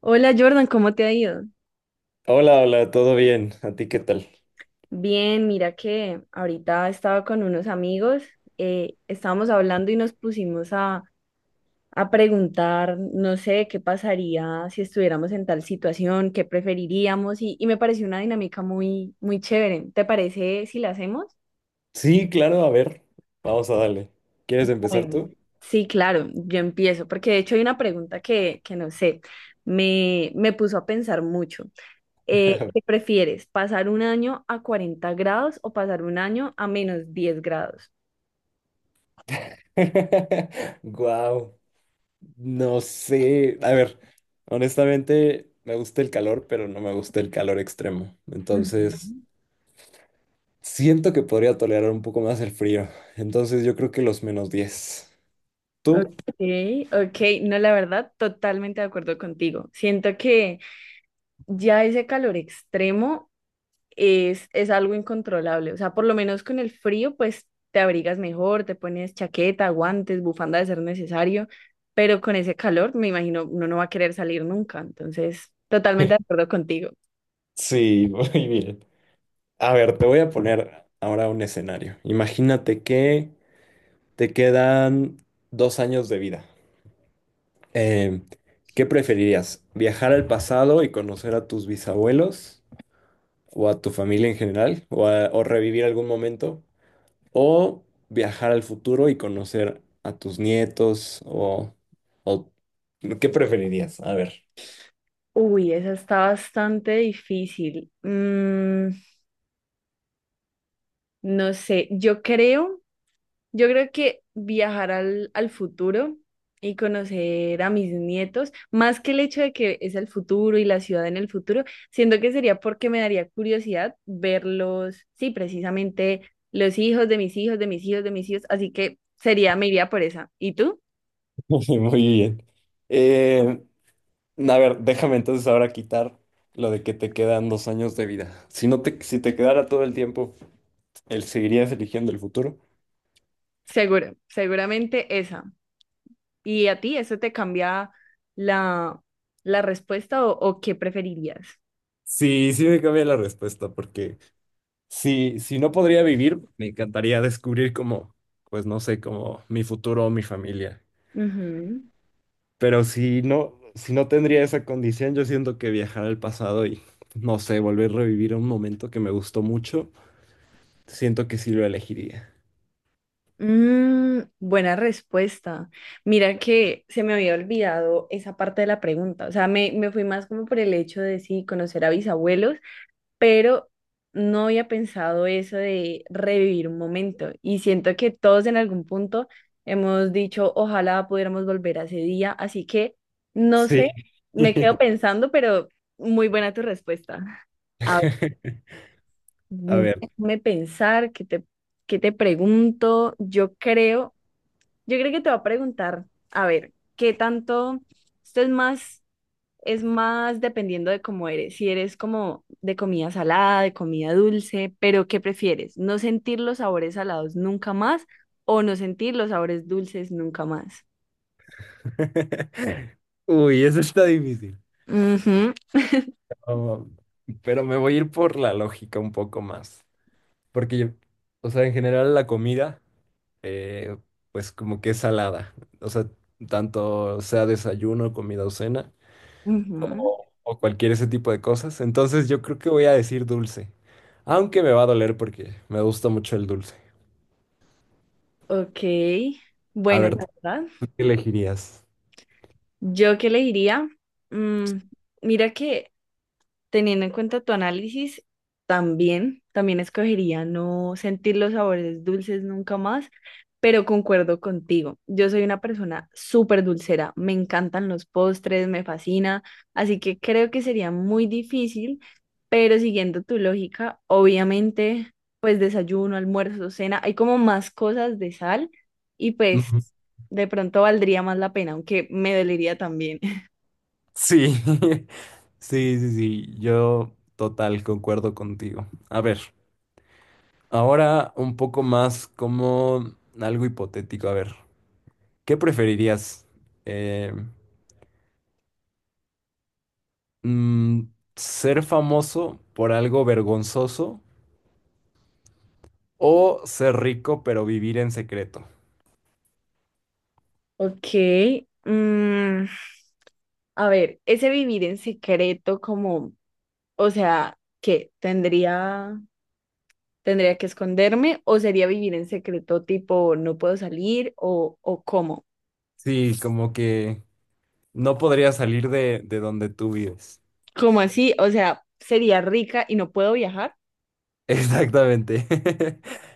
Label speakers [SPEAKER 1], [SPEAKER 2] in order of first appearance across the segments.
[SPEAKER 1] Hola Jordan, ¿cómo te ha ido?
[SPEAKER 2] Hola, hola, ¿todo bien? ¿A ti qué tal?
[SPEAKER 1] Bien, mira que ahorita estaba con unos amigos, estábamos hablando y nos pusimos a preguntar, no sé, qué pasaría si estuviéramos en tal situación, qué preferiríamos y me pareció una dinámica muy, muy chévere. ¿Te parece si la hacemos?
[SPEAKER 2] Sí, claro, a ver, vamos a darle. ¿Quieres empezar
[SPEAKER 1] Bueno,
[SPEAKER 2] tú?
[SPEAKER 1] sí, claro, yo empiezo, porque de hecho hay una pregunta que no sé, me puso a pensar mucho. ¿Qué prefieres? ¿Pasar un año a 40 grados o pasar un año a -10 grados?
[SPEAKER 2] Wow, no sé. A ver, honestamente me gusta el calor, pero no me gusta el calor extremo. Entonces,
[SPEAKER 1] Ujú.
[SPEAKER 2] siento que podría tolerar un poco más el frío. Entonces, yo creo que los -10. ¿Tú?
[SPEAKER 1] Ok, ok, no, la verdad, totalmente de acuerdo contigo. Siento que ya ese calor extremo es algo incontrolable. O sea, por lo menos con el frío, pues te abrigas mejor, te pones chaqueta, guantes, bufanda de ser necesario, pero con ese calor, me imagino, uno no va a querer salir nunca. Entonces, totalmente de acuerdo contigo.
[SPEAKER 2] Sí, muy bien. A ver, te voy a poner ahora un escenario. Imagínate que te quedan 2 años de vida. Eh, ¿Qué preferirías? ¿Viajar al pasado y conocer a tus bisabuelos o a tu familia en general o revivir algún momento? ¿O viajar al futuro y conocer a tus nietos o- ¿qué preferirías? A ver.
[SPEAKER 1] Uy, esa está bastante difícil. No sé, yo creo que viajar al futuro y conocer a mis nietos, más que el hecho de que es el futuro y la ciudad en el futuro, siento que sería porque me daría curiosidad verlos, sí, precisamente los hijos de mis hijos, de mis hijos, de mis hijos, así que sería, me iría por esa. ¿Y tú?
[SPEAKER 2] Muy bien. Eh, a ver, déjame entonces ahora quitar lo de que te quedan 2 años de vida. Si te quedara todo el tiempo, ¿el seguirías eligiendo el futuro?
[SPEAKER 1] Seguro, seguramente esa. ¿Y a ti eso te cambia la, la respuesta o qué preferirías?
[SPEAKER 2] Sí, sí me cambia la respuesta porque si no podría vivir, me encantaría descubrir como, pues no sé, como mi futuro o mi familia.
[SPEAKER 1] Ujú.
[SPEAKER 2] Pero si no tendría esa condición, yo siento que viajar al pasado y, no sé, volver a revivir un momento que me gustó mucho, siento que sí lo elegiría.
[SPEAKER 1] Mm, buena respuesta. Mira que se me había olvidado esa parte de la pregunta. O sea, me fui más como por el hecho de sí, conocer a bisabuelos pero no había pensado eso de revivir un momento y siento que todos en algún punto hemos dicho, ojalá pudiéramos volver a ese día, así que no sé,
[SPEAKER 2] Sí.
[SPEAKER 1] me quedo pensando, pero muy buena tu respuesta. A ver,
[SPEAKER 2] A ver.
[SPEAKER 1] déjame pensar, qué te pregunto? Yo creo que te va a preguntar, a ver, ¿qué tanto, esto es más dependiendo de cómo eres. Si eres como de comida salada, de comida dulce, pero ¿qué prefieres? ¿No sentir los sabores salados nunca más o no sentir los sabores dulces nunca más?
[SPEAKER 2] Uy, eso está difícil.
[SPEAKER 1] Ujú,
[SPEAKER 2] Oh, pero me voy a ir por la lógica un poco más. Porque yo, o sea, en general la comida. eh, pues como que es salada. O sea, tanto sea desayuno, comida o cena,
[SPEAKER 1] ujú.
[SPEAKER 2] o cualquier ese tipo de cosas. Entonces yo creo que voy a decir dulce, aunque me va a doler porque me gusta mucho el dulce.
[SPEAKER 1] Ok.
[SPEAKER 2] A
[SPEAKER 1] Bueno,
[SPEAKER 2] ver,
[SPEAKER 1] la verdad,
[SPEAKER 2] ¿tú qué elegirías?
[SPEAKER 1] yo qué le diría, Mm, mira que teniendo en cuenta tu análisis, también escogería no sentir los sabores dulces nunca más, pero concuerdo contigo. Yo soy una persona súper dulcera, me encantan los postres, me fascina, así que creo que sería muy difícil, pero siguiendo tu lógica, obviamente, pues desayuno, almuerzo, cena, hay como más cosas de sal y pues
[SPEAKER 2] Ujú.
[SPEAKER 1] de pronto valdría más la pena, aunque me dolería también.
[SPEAKER 2] Sí, sí, sí, sí, yo total, concuerdo contigo. A ver, ahora un poco más como algo hipotético. A ver, ¿qué preferirías? Eh, Mm, ¿Ser famoso por algo vergonzoso o ser rico pero vivir en secreto?
[SPEAKER 1] Ok. mm, A ver, ese vivir en secreto como, o sea, ¿qué? ¿Tendría que esconderme o sería vivir en secreto tipo no puedo salir o cómo?
[SPEAKER 2] Sí, como que no podría salir de donde tú vives.
[SPEAKER 1] ¿Cómo así? O sea, ¿sería rica y no puedo viajar?
[SPEAKER 2] Exactamente.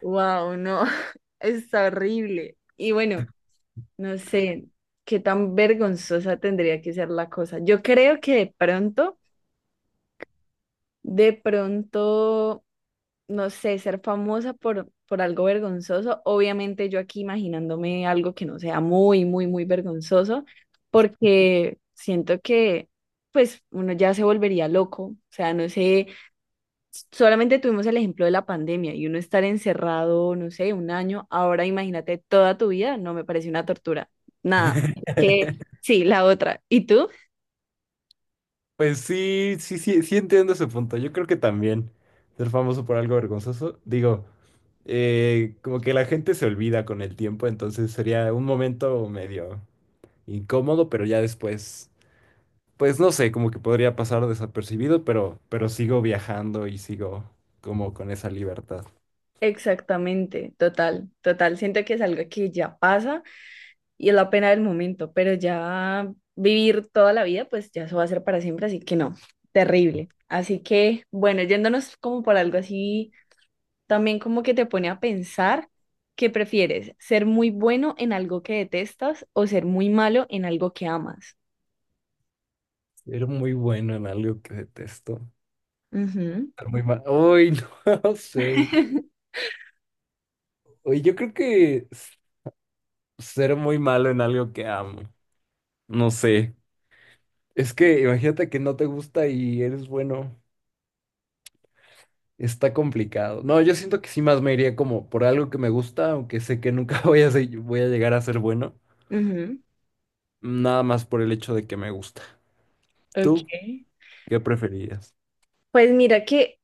[SPEAKER 1] Wow, no, es horrible. Y bueno, no sé qué tan vergonzosa tendría que ser la cosa. Yo creo que de pronto no sé, ser famosa por algo vergonzoso. Obviamente yo aquí imaginándome algo que no sea muy, muy, muy vergonzoso, porque siento que pues uno ya se volvería loco. O sea, no sé, solamente tuvimos el ejemplo de la pandemia y uno estar encerrado, no sé, un año, ahora imagínate toda tu vida, no me parece una tortura. Nada, que sí, la otra. ¿Y tú?
[SPEAKER 2] Pues sí, sí, sí, sí entiendo ese punto. Yo creo que también ser famoso por algo vergonzoso, digo, como que la gente se olvida con el tiempo, entonces sería un momento medio incómodo, pero ya después pues no sé, como que podría pasar desapercibido, pero sigo viajando y sigo como con esa libertad.
[SPEAKER 1] Exactamente, total, total. Siento que es algo que ya pasa y es la pena del momento, pero ya vivir toda la vida, pues ya eso va a ser para siempre, así que no, terrible. Así que, bueno, yéndonos como por algo así, también como que te pone a pensar qué prefieres, ser muy bueno en algo que detestas o ser muy malo en algo que amas.
[SPEAKER 2] Era muy bueno en algo que detesto.
[SPEAKER 1] Ujú,
[SPEAKER 2] Ser muy malo, Uy, no sé. Uy, yo creo que ser muy malo en algo que amo. No sé. Es que imagínate que no te gusta y eres bueno. Está complicado. No, yo siento que sí más me iría como por algo que me gusta, aunque sé que nunca voy a llegar a ser bueno.
[SPEAKER 1] ujú,
[SPEAKER 2] Nada más por el hecho de que me gusta.
[SPEAKER 1] ok.
[SPEAKER 2] ¿Tú qué preferirías?
[SPEAKER 1] Pues mira que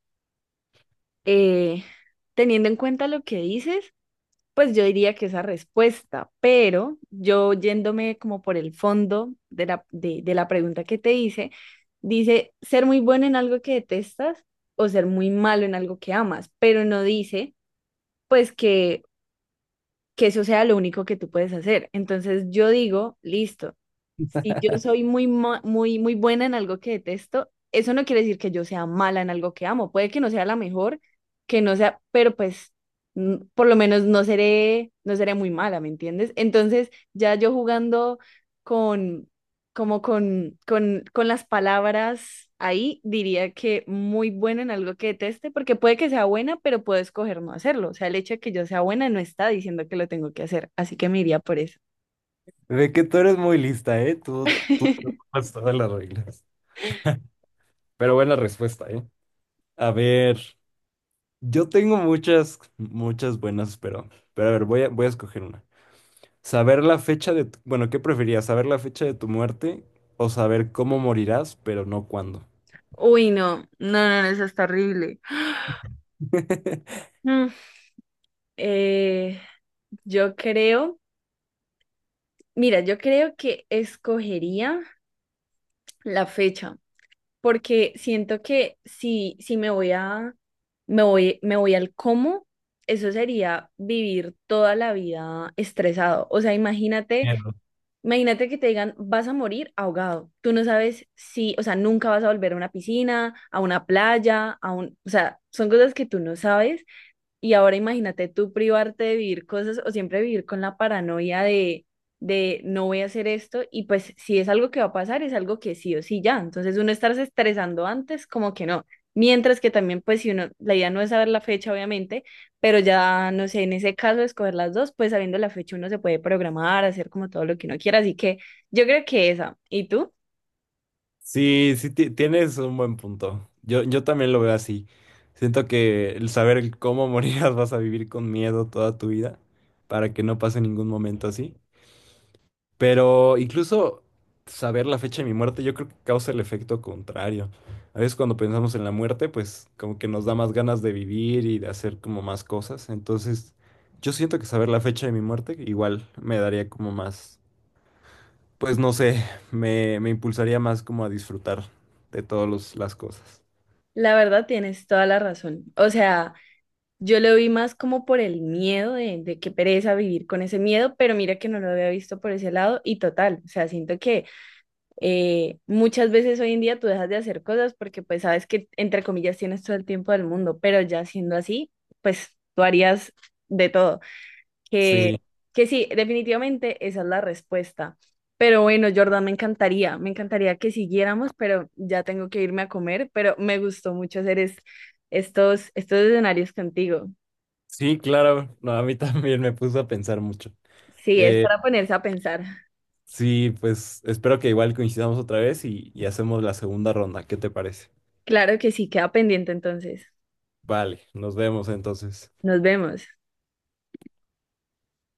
[SPEAKER 1] eh, teniendo en cuenta lo que dices, pues yo diría que esa respuesta, pero yo yéndome como por el fondo de de la pregunta que te hice, dice ser muy bueno en algo que detestas o ser muy malo en algo que amas, pero no dice pues que eso sea lo único que tú puedes hacer. Entonces yo digo, listo, si yo soy muy, muy buena en algo que detesto, eso no quiere decir que yo sea mala en algo que amo. Puede que no sea la mejor, que no sea, pero pues por lo menos no seré muy mala, ¿me entiendes? Entonces ya yo jugando con como con las palabras ahí, diría que muy buena en algo que deteste, porque puede que sea buena, pero puedo escoger no hacerlo. O sea, el hecho de que yo sea buena no está diciendo que lo tengo que hacer, así que me iría por eso.
[SPEAKER 2] De que tú eres muy lista, ¿eh? Tú te tomas todas las reglas. Pero buena respuesta, ¿eh? A ver, yo tengo muchas, muchas buenas, pero a ver, voy a escoger una. Saber la fecha de, tu- bueno, ¿Qué preferías? ¿Saber la fecha de tu muerte o saber cómo morirás, pero no cuándo?
[SPEAKER 1] Uy, no, no, no, no, eso está horrible. Mm, eh, yo creo, mira, yo creo que escogería la fecha. Porque siento que si me voy a, me voy al cómo, eso sería vivir toda la vida estresado. O sea, imagínate,
[SPEAKER 2] Miedo.
[SPEAKER 1] imagínate que te digan, vas a morir ahogado. Tú no sabes si, o sea, nunca vas a volver a una piscina, a una playa, a un, o sea, son cosas que tú no sabes y ahora imagínate tú privarte de vivir cosas o siempre vivir con la paranoia de no voy a hacer esto y pues si es algo que va a pasar, es algo que sí o sí ya. Entonces uno estarse estresando antes, como que no. Mientras que también pues si uno, la idea no es saber la fecha obviamente, pero ya no sé, en ese caso escoger las dos, pues sabiendo la fecha uno se puede programar, hacer como todo lo que uno quiera. Así que yo creo que esa. ¿Y tú?
[SPEAKER 2] Sí, sí, tienes un buen punto. Yo también lo veo así. Siento que el saber el cómo morirás vas a vivir con miedo toda tu vida para que no pase ningún momento así. Pero incluso saber la fecha de mi muerte, yo creo que causa el efecto contrario. A veces cuando pensamos en la muerte, pues como que nos da más ganas de vivir y de hacer como más cosas. Entonces, yo siento que saber la fecha de mi muerte igual me daría como más, pues no sé, me impulsaría más como a disfrutar de todas las cosas.
[SPEAKER 1] La verdad tienes toda la razón. O sea. Yo lo vi más como por el miedo de qué pereza vivir con ese miedo, pero mira que no lo había visto por ese lado y total, o sea, siento que muchas veces hoy en día tú dejas de hacer cosas porque pues sabes que entre comillas tienes todo el tiempo del mundo, pero ya siendo así, pues tú harías de todo. Que,
[SPEAKER 2] Sí,
[SPEAKER 1] que sí, definitivamente esa es la respuesta. Pero bueno, Jordan, me encantaría que siguiéramos, pero ya tengo que irme a comer, pero me gustó mucho hacer estos escenarios contigo.
[SPEAKER 2] sí, claro. No, a mí también me puso a pensar mucho.
[SPEAKER 1] Sí, es
[SPEAKER 2] Eh,
[SPEAKER 1] para ponerse a pensar.
[SPEAKER 2] sí, pues espero que igual coincidamos otra vez y hacemos la segunda ronda. ¿Qué te parece?
[SPEAKER 1] Claro que sí, queda pendiente entonces.
[SPEAKER 2] Vale, nos vemos entonces.
[SPEAKER 1] Nos vemos.